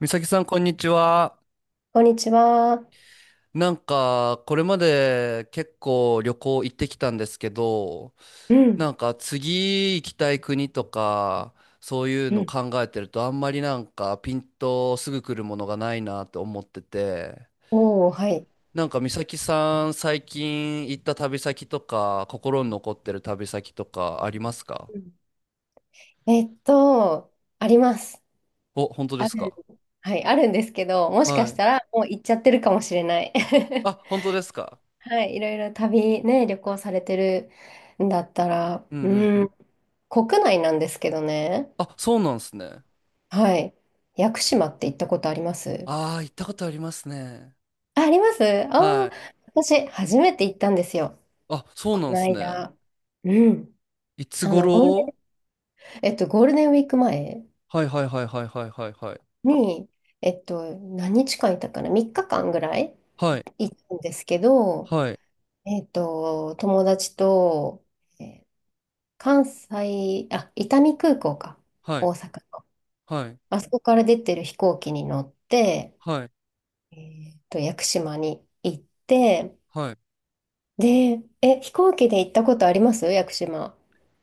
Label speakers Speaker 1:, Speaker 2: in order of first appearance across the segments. Speaker 1: 美咲さん、こんにちは。
Speaker 2: こんにちは。
Speaker 1: なんか、これまで結構旅行行ってきたんですけど、
Speaker 2: うん、
Speaker 1: なんか次行きたい国とか、そういう
Speaker 2: う
Speaker 1: の
Speaker 2: ん、
Speaker 1: 考えてると、あんまりなんかピンとすぐ来るものがないなって思ってて、
Speaker 2: おお、はい。
Speaker 1: なんか美咲さん、最近行った旅先とか、心に残ってる旅先とかありますか？
Speaker 2: うん。えっと、あります。
Speaker 1: お、本当で
Speaker 2: あ
Speaker 1: す
Speaker 2: る、
Speaker 1: か？
Speaker 2: はい、あるんですけど、もしか
Speaker 1: は
Speaker 2: し
Speaker 1: い。
Speaker 2: たらもう行っちゃってるかもしれない。
Speaker 1: あ、本当ですか？
Speaker 2: はい、いろいろ旅行されてるんだったら、
Speaker 1: うんうんう
Speaker 2: う
Speaker 1: ん。
Speaker 2: ん、国内なんですけどね。
Speaker 1: あ、そうなんですね。
Speaker 2: はい。屋久島って行ったことあります？
Speaker 1: ああ、行ったことありますね。
Speaker 2: あ、ありますあ
Speaker 1: は
Speaker 2: あ、
Speaker 1: い
Speaker 2: 私、初めて行ったんですよ。
Speaker 1: あ、そう
Speaker 2: こ
Speaker 1: なん
Speaker 2: の
Speaker 1: すね。
Speaker 2: 間。うん。
Speaker 1: いつ
Speaker 2: あの、ゴールデ
Speaker 1: 頃？
Speaker 2: ン、ゴールデンウィーク前
Speaker 1: はいはいはいはいはいはいはい。
Speaker 2: に、何日間いたかな？ 3 日間ぐらい
Speaker 1: はい、
Speaker 2: いたんですけど、
Speaker 1: はい、
Speaker 2: 友達と、えー関西、あ、伊丹空港か、
Speaker 1: はい、
Speaker 2: 大阪の。
Speaker 1: はい、
Speaker 2: あそこから出てる飛行機に乗って、
Speaker 1: はい、
Speaker 2: 屋久島に行って、
Speaker 1: はい。
Speaker 2: で、飛行機で行ったことあります、屋久島？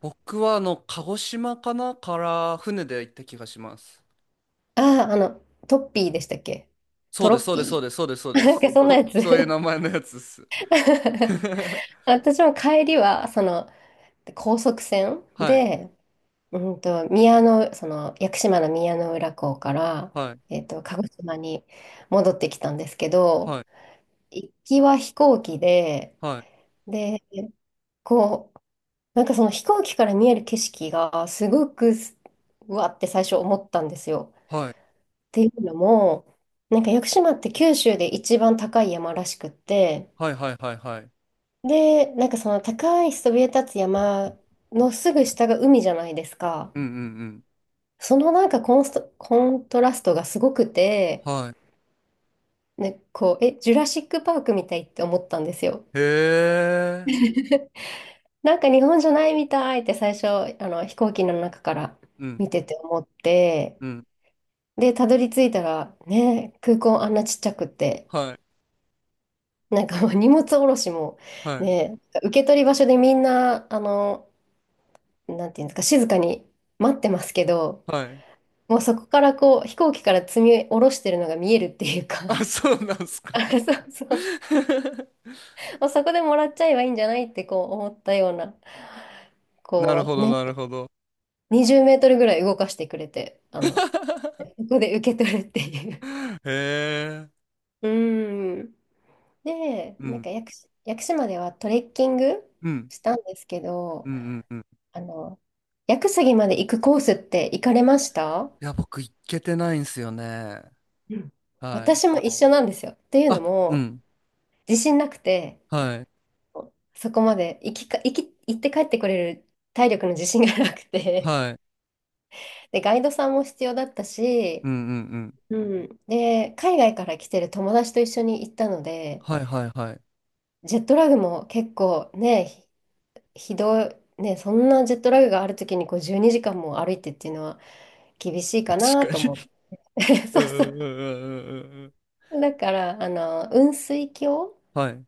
Speaker 1: 僕は鹿児島かなから船で行った気がします。
Speaker 2: ああ、トッピーでしたっけ？
Speaker 1: そ
Speaker 2: ト
Speaker 1: うで
Speaker 2: ロ
Speaker 1: す、
Speaker 2: ッ
Speaker 1: そうです、そう
Speaker 2: ピ
Speaker 1: です、そうです、そう
Speaker 2: ー。
Speaker 1: で
Speaker 2: なん
Speaker 1: す。
Speaker 2: かそんなや
Speaker 1: と、
Speaker 2: つ。
Speaker 1: そういう名前のやつです。
Speaker 2: 私も帰りは、で高速船
Speaker 1: はい、
Speaker 2: で、宮の、その、屋久島の宮の浦港から、
Speaker 1: はい、
Speaker 2: 鹿児島に戻ってきたんですけ
Speaker 1: は
Speaker 2: ど、
Speaker 1: い、
Speaker 2: 行きは飛行機で、
Speaker 1: はい、
Speaker 2: で、こう、なんかその飛行機から見える景色が、すごくうわって最初思ったんですよ。
Speaker 1: はい、
Speaker 2: っていうのも、なんか屋久島って九州で一番高い山らしくって、
Speaker 1: はい、はい、はい、はい。
Speaker 2: で、なんかその高いそびえ立つ山のすぐ下が海じゃないですか。
Speaker 1: うんうんうん。
Speaker 2: そのなんかコントラストがすごくて、
Speaker 1: はい。
Speaker 2: ね、こう、ジュラシックパークみたいって思ったんですよ。
Speaker 1: へえ。
Speaker 2: なんか日本じゃないみたいって最初、あの飛行機の中から
Speaker 1: うん、
Speaker 2: 見てて思って、
Speaker 1: うん。
Speaker 2: で、たどり着いたら、ね、空港あんなちっちゃくって、
Speaker 1: はい、
Speaker 2: なんかもう 荷物下ろしも、
Speaker 1: はい、
Speaker 2: ね、受け取り場所でみんな、なんていうんですか、静かに待ってますけど、
Speaker 1: はい。
Speaker 2: もうそこからこう、飛行機から積み下ろしてるのが見えるっていうか、
Speaker 1: あ、そうなんす か。
Speaker 2: あ、そうそう。もうそこでもらっちゃえばいいんじゃないってこう思ったような、
Speaker 1: なる
Speaker 2: こ
Speaker 1: ほ
Speaker 2: う
Speaker 1: ど、
Speaker 2: ね、
Speaker 1: なるほど。
Speaker 2: 20メートルぐらい動かしてくれて、そ こで受け取るっていう。
Speaker 1: へえ。
Speaker 2: うん。で、
Speaker 1: う
Speaker 2: なん
Speaker 1: ん。
Speaker 2: か屋久島ではトレッキング
Speaker 1: うん。
Speaker 2: したんですけ
Speaker 1: う
Speaker 2: ど、
Speaker 1: んうんうん。い
Speaker 2: あの、屋久杉まで行くコースって行かれました？
Speaker 1: や、僕、行けてないんすよね。
Speaker 2: うん、
Speaker 1: はい。
Speaker 2: 私も一緒なんですよ。っていうの
Speaker 1: あ、う
Speaker 2: も、
Speaker 1: ん。
Speaker 2: 自信なくて、
Speaker 1: はい。
Speaker 2: そこまで行きか、行き、行って帰ってこれる体力の自信がなくて、
Speaker 1: はい。
Speaker 2: で、ガイドさんも必要だったし、
Speaker 1: うんうんうん。
Speaker 2: うん。で、海外から来てる友達と一緒に行ったので、
Speaker 1: はいはいはい。
Speaker 2: ジェットラグも結構ね、ひどい、ね、そんなジェットラグがある時にこう12時間も歩いてっていうのは厳しいか な
Speaker 1: 確
Speaker 2: と
Speaker 1: か
Speaker 2: 思っ
Speaker 1: に。
Speaker 2: て。
Speaker 1: う
Speaker 2: そうそ
Speaker 1: ん
Speaker 2: う。
Speaker 1: うんうんうんうんうん。
Speaker 2: だから、雲水峡
Speaker 1: はい。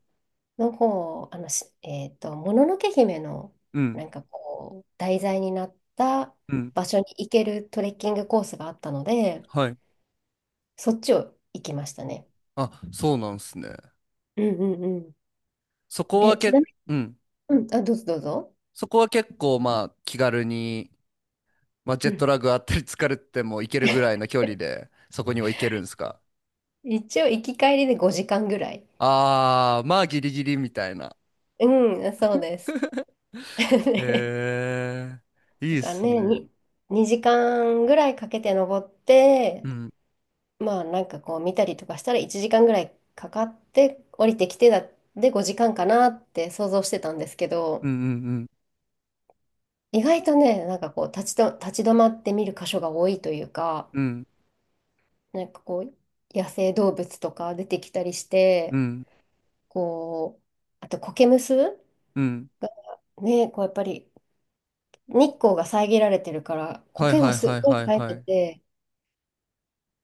Speaker 2: の方、あの、しえっと、もののけ姫の
Speaker 1: うん。
Speaker 2: なんかこう、題材になった
Speaker 1: うん。
Speaker 2: 場所に行けるトレッキングコースがあったので、
Speaker 1: はい。
Speaker 2: そっちを行きましたね。
Speaker 1: あ、そうなんすね。
Speaker 2: うんうんうん。
Speaker 1: そこは
Speaker 2: ちな
Speaker 1: け、
Speaker 2: み
Speaker 1: うん。
Speaker 2: に、うん、あ、どうぞどうぞ。
Speaker 1: そこは結構、まあ、気軽に、まあ、ジ
Speaker 2: う
Speaker 1: ェット
Speaker 2: ん。
Speaker 1: ラグあったり疲れても行けるぐらいの距離で、そこには行けるんですか？
Speaker 2: 一応、行き帰りで5時間ぐらい。
Speaker 1: ああー、まあ、ギリギリみたいな。
Speaker 2: うん、そうです。ね、
Speaker 1: ええ、い
Speaker 2: だ
Speaker 1: いっ
Speaker 2: から
Speaker 1: す
Speaker 2: ね、
Speaker 1: ね。
Speaker 2: 2時間ぐらいかけて登っ
Speaker 1: う
Speaker 2: て、
Speaker 1: ん、
Speaker 2: まあなんかこう見たりとかしたら1時間ぐらいかかって降りてきてで5時間かなって想像してたんですけど、
Speaker 1: うん、うん、
Speaker 2: 意外とね、なんかこう立ち止まって見る箇所が多いというか、
Speaker 1: うん、
Speaker 2: なんかこう野生動物とか出てきたりし
Speaker 1: う
Speaker 2: て、
Speaker 1: ん、
Speaker 2: こう、あと苔むす
Speaker 1: うん。
Speaker 2: がね、こうやっぱり日光が遮られてるから、
Speaker 1: はい
Speaker 2: 苔
Speaker 1: は
Speaker 2: が
Speaker 1: い
Speaker 2: す
Speaker 1: は
Speaker 2: っ
Speaker 1: い
Speaker 2: ごい
Speaker 1: はい
Speaker 2: 生え
Speaker 1: は
Speaker 2: て
Speaker 1: い。
Speaker 2: て、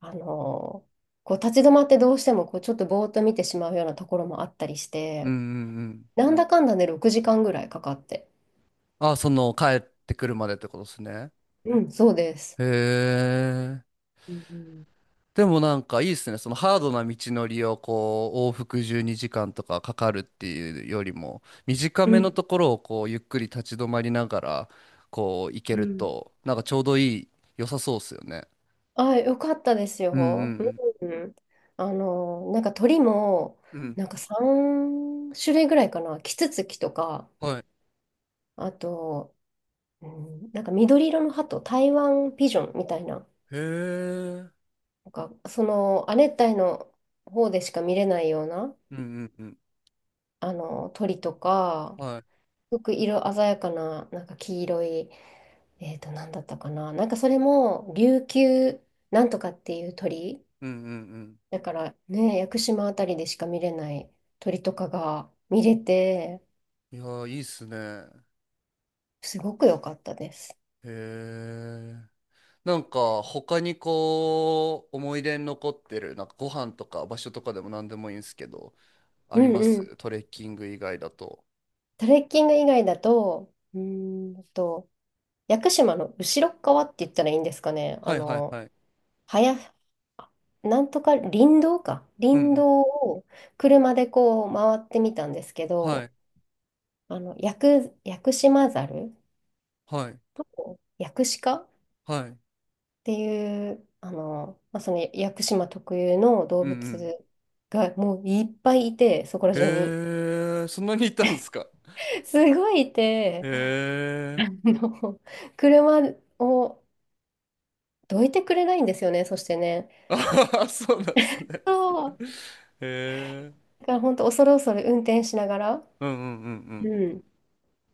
Speaker 2: あのーこう立ち止まってどうしてもこうちょっとぼーっと見てしまうようなところもあったりし
Speaker 1: うん、う
Speaker 2: て、
Speaker 1: ん、うん。
Speaker 2: なんだかんだね、6時間ぐらいかかって。
Speaker 1: あ、その、帰ってくるまでってことですね。
Speaker 2: うん、そうです。
Speaker 1: へえ。
Speaker 2: うん
Speaker 1: でもなんかいいっすね。そのハードな道のりをこう、往復12時間とかかかるっていうよりも、短
Speaker 2: う
Speaker 1: めの
Speaker 2: ん。
Speaker 1: ところをこう、ゆっくり立ち止まりながら、こう、行け
Speaker 2: う
Speaker 1: る
Speaker 2: ん。
Speaker 1: と、なんかちょうどいい、良さそうっすよね。
Speaker 2: あ、よかったです
Speaker 1: うん
Speaker 2: よ。
Speaker 1: うん
Speaker 2: うん。なんか鳥も、
Speaker 1: うん。うん。
Speaker 2: なんか3種類ぐらいかな、キツツキとか、
Speaker 1: はい。
Speaker 2: あと、うん、なんか緑色の鳩、台湾ピジョンみたいな、
Speaker 1: へえ。
Speaker 2: なんかその亜熱帯の方でしか見れないような
Speaker 1: うんうんうん。
Speaker 2: あの鳥とか、
Speaker 1: はい。
Speaker 2: すごく色鮮やかな、なんか黄色い、なんだったかな、なんかそれも琉球なんとかっていう鳥、
Speaker 1: うんうん
Speaker 2: だからね、屋久島あたりでしか見れない鳥とかが見れて、
Speaker 1: うん。いやー、いいっすね。
Speaker 2: すごく良かったです。
Speaker 1: へえ。なんか、他にこう、思い出に残ってる、なんかご飯とか場所とかでも何でもいいんすけど、あ
Speaker 2: う
Speaker 1: り
Speaker 2: ん
Speaker 1: ま
Speaker 2: うん。
Speaker 1: す？トレッキング以外だと。
Speaker 2: トレッキング以外だと、屋久島の後ろっ側って言ったらいいんですかね。
Speaker 1: はいはいはい。
Speaker 2: はや、なんとか林道か。
Speaker 1: うんう
Speaker 2: 林
Speaker 1: ん。
Speaker 2: 道を車でこう回ってみたんですけ
Speaker 1: は
Speaker 2: ど、
Speaker 1: い。
Speaker 2: 屋久島ザル
Speaker 1: はい。
Speaker 2: と屋久鹿っ
Speaker 1: はい。
Speaker 2: ていう、まあ、その屋久島特有の動
Speaker 1: うんうん。
Speaker 2: 物がもういっぱいいて、そこら中に。
Speaker 1: へえ、そんなにいたんですか？
Speaker 2: すごいい
Speaker 1: へ
Speaker 2: て、
Speaker 1: え。
Speaker 2: あの、車をどいてくれないんですよね、そしてね。
Speaker 1: あはは、そうなんですね。
Speaker 2: そう、
Speaker 1: へえ。
Speaker 2: だから本当恐る恐る運転しながら、
Speaker 1: うんうんうん
Speaker 2: うん。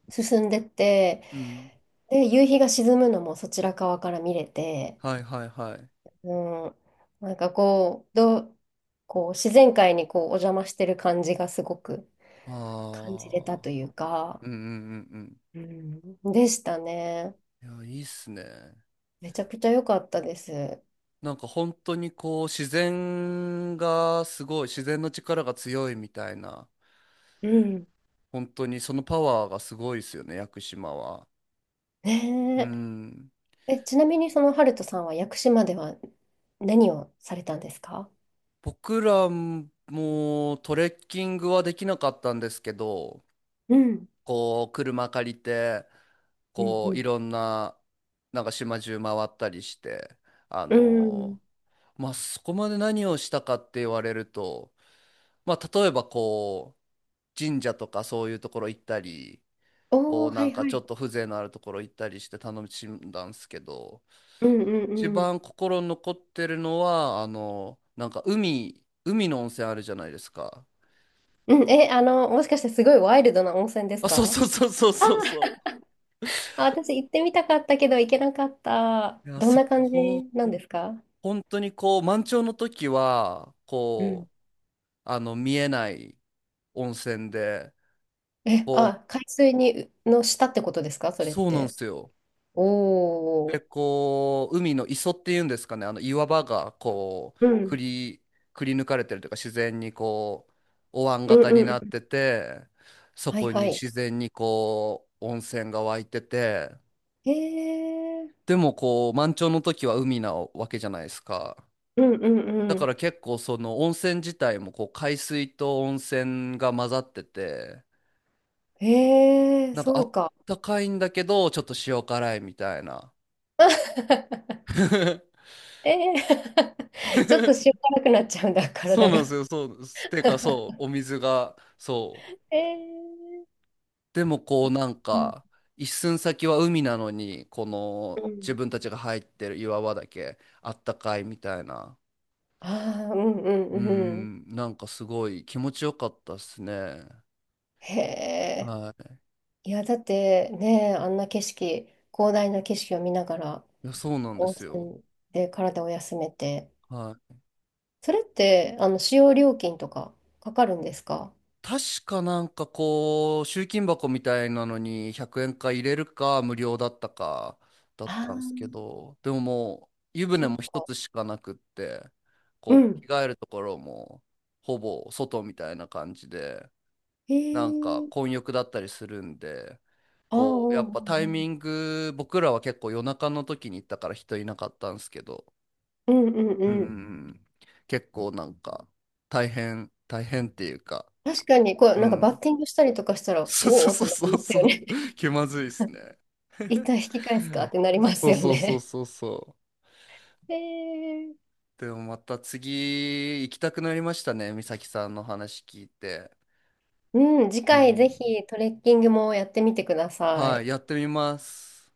Speaker 2: 進んでって、
Speaker 1: うん。うん。
Speaker 2: で、夕日が沈むのもそちら側から見れて、
Speaker 1: はいはいはい。
Speaker 2: うん、なんかこう、こう自然界にこうお邪魔してる感じがすごく感じれたと
Speaker 1: ああ。
Speaker 2: いうか、
Speaker 1: うんうんうん
Speaker 2: うん、でしたね。
Speaker 1: うん。いや、いいっすね。
Speaker 2: めちゃくちゃ良かったです。
Speaker 1: なんか本当にこう自然がすごい、自然の力が強いみたいな、
Speaker 2: うん。
Speaker 1: 本当にそのパワーがすごいですよね、屋久島は。う
Speaker 2: ね
Speaker 1: ん。
Speaker 2: え、ちなみにそのハルトさんは屋久島では何をされたんですか？
Speaker 1: 僕らもトレッキングはできなかったんですけど、
Speaker 2: うん。
Speaker 1: こう車借りて、
Speaker 2: うんう
Speaker 1: こうい
Speaker 2: ん。
Speaker 1: ろんな、なんか島中回ったりして、あ
Speaker 2: う
Speaker 1: の
Speaker 2: ん。
Speaker 1: まあそこまで何をしたかって言われると、まあ例えばこう、神社とかそういうところ行ったり、こ
Speaker 2: お
Speaker 1: う
Speaker 2: ー、は
Speaker 1: なん
Speaker 2: い
Speaker 1: か
Speaker 2: は
Speaker 1: ちょ
Speaker 2: い。
Speaker 1: っと風情のあるところ行ったりして楽しんだんですけど、
Speaker 2: うんう
Speaker 1: 一
Speaker 2: んうん。
Speaker 1: 番心に残ってるのは、なんか海の温泉あるじゃないですか。
Speaker 2: うん、え、あの、もしかしてすごいワイルドな温泉です
Speaker 1: あ、そう
Speaker 2: か？
Speaker 1: そうそうそうそうそ
Speaker 2: あ、私行ってみたかったけど行けなかった。
Speaker 1: う。いや、
Speaker 2: どん
Speaker 1: そ
Speaker 2: な感じ
Speaker 1: こ、
Speaker 2: なんですか？
Speaker 1: 本当にこう、満潮の時は、
Speaker 2: う
Speaker 1: こ
Speaker 2: ん。
Speaker 1: う、見えない温泉で、こ
Speaker 2: あ、海水に、の下ってことですか、
Speaker 1: う、
Speaker 2: それっ
Speaker 1: そうなんで
Speaker 2: て？
Speaker 1: すよ。
Speaker 2: お
Speaker 1: で、
Speaker 2: お、
Speaker 1: こう、海の磯っていうんですかね、あの岩場がこう、くり抜かれてるというか、自然にこう、お椀
Speaker 2: うん
Speaker 1: 型
Speaker 2: う
Speaker 1: に
Speaker 2: んうん
Speaker 1: なっ
Speaker 2: うん。
Speaker 1: てて、そ
Speaker 2: はい
Speaker 1: こ
Speaker 2: は
Speaker 1: に
Speaker 2: い。
Speaker 1: 自然にこう、温泉が湧いてて、
Speaker 2: へえ。
Speaker 1: でもこう、満潮の時は海なわけじゃないですか。
Speaker 2: うんうん
Speaker 1: だ
Speaker 2: う
Speaker 1: か
Speaker 2: ん。
Speaker 1: ら結構その温泉自体もこう、海水と温泉が混ざってて、
Speaker 2: へえ、
Speaker 1: なんかあ
Speaker 2: そう
Speaker 1: っ
Speaker 2: か。
Speaker 1: たかいんだけど、ちょっと塩辛いみたいな。
Speaker 2: ええ。ちょっと塩辛くなっちゃうんだ、
Speaker 1: そう
Speaker 2: 体
Speaker 1: な
Speaker 2: が。
Speaker 1: んですよ。そう。てか、そう。お水が、そう。
Speaker 2: ええ。
Speaker 1: でも、こう、なん
Speaker 2: うん
Speaker 1: か、一寸先は海なのに、この、
Speaker 2: う
Speaker 1: 自
Speaker 2: ん、
Speaker 1: 分たちが入ってる岩場だけ、あったかいみたいな。
Speaker 2: ああ、うんうん
Speaker 1: う
Speaker 2: うん。
Speaker 1: ん、なんかすごい気持ちよかったっすね。
Speaker 2: へえ。
Speaker 1: はい。
Speaker 2: いや、だってね、あんな景色、広大な景色を見ながら、
Speaker 1: いや、そうなんで
Speaker 2: 温
Speaker 1: すよ。
Speaker 2: 泉で体を休めて、
Speaker 1: はい。
Speaker 2: それって、使用料金とかかかるんですか？
Speaker 1: 確かなんかこう、集金箱みたいなのに100円か入れるか無料だったかだっ
Speaker 2: あ
Speaker 1: た
Speaker 2: あ
Speaker 1: んですけ
Speaker 2: ー、
Speaker 1: ど、でももう湯船
Speaker 2: そっ
Speaker 1: も一
Speaker 2: か。
Speaker 1: つしかなくって、
Speaker 2: う
Speaker 1: こ
Speaker 2: ん。
Speaker 1: う着替えるところもほぼ外みたいな感じで、
Speaker 2: へ
Speaker 1: なんか
Speaker 2: え。
Speaker 1: 混浴だったりするんで、
Speaker 2: ああ、
Speaker 1: こうやっ
Speaker 2: う
Speaker 1: ぱタイミ
Speaker 2: ん
Speaker 1: ング、僕らは結構夜中の時に行ったから人いなかったんですけど、
Speaker 2: うんうん。う
Speaker 1: うんうん
Speaker 2: んうん、
Speaker 1: うん、結構なんか大変、大変っていうか、
Speaker 2: 確かに、こう、
Speaker 1: う
Speaker 2: なんかバッ
Speaker 1: ん
Speaker 2: ティングしたりとかしたら、
Speaker 1: そう
Speaker 2: おおっ
Speaker 1: そ
Speaker 2: て
Speaker 1: う
Speaker 2: な
Speaker 1: そう
Speaker 2: り
Speaker 1: そう
Speaker 2: ます
Speaker 1: そ
Speaker 2: よ
Speaker 1: う。
Speaker 2: ね。
Speaker 1: 気まずいっす ね。
Speaker 2: 一旦引き返すかってなりま
Speaker 1: そ
Speaker 2: す
Speaker 1: う
Speaker 2: よ
Speaker 1: そうそう
Speaker 2: ね。
Speaker 1: そうそ
Speaker 2: へえ。
Speaker 1: う。でもまた次行きたくなりましたね。美咲さんの話聞いて。
Speaker 2: うん、次
Speaker 1: う
Speaker 2: 回ぜ
Speaker 1: ん。
Speaker 2: ひトレッキングもやってみてくださ
Speaker 1: はい、
Speaker 2: い。
Speaker 1: やってみます。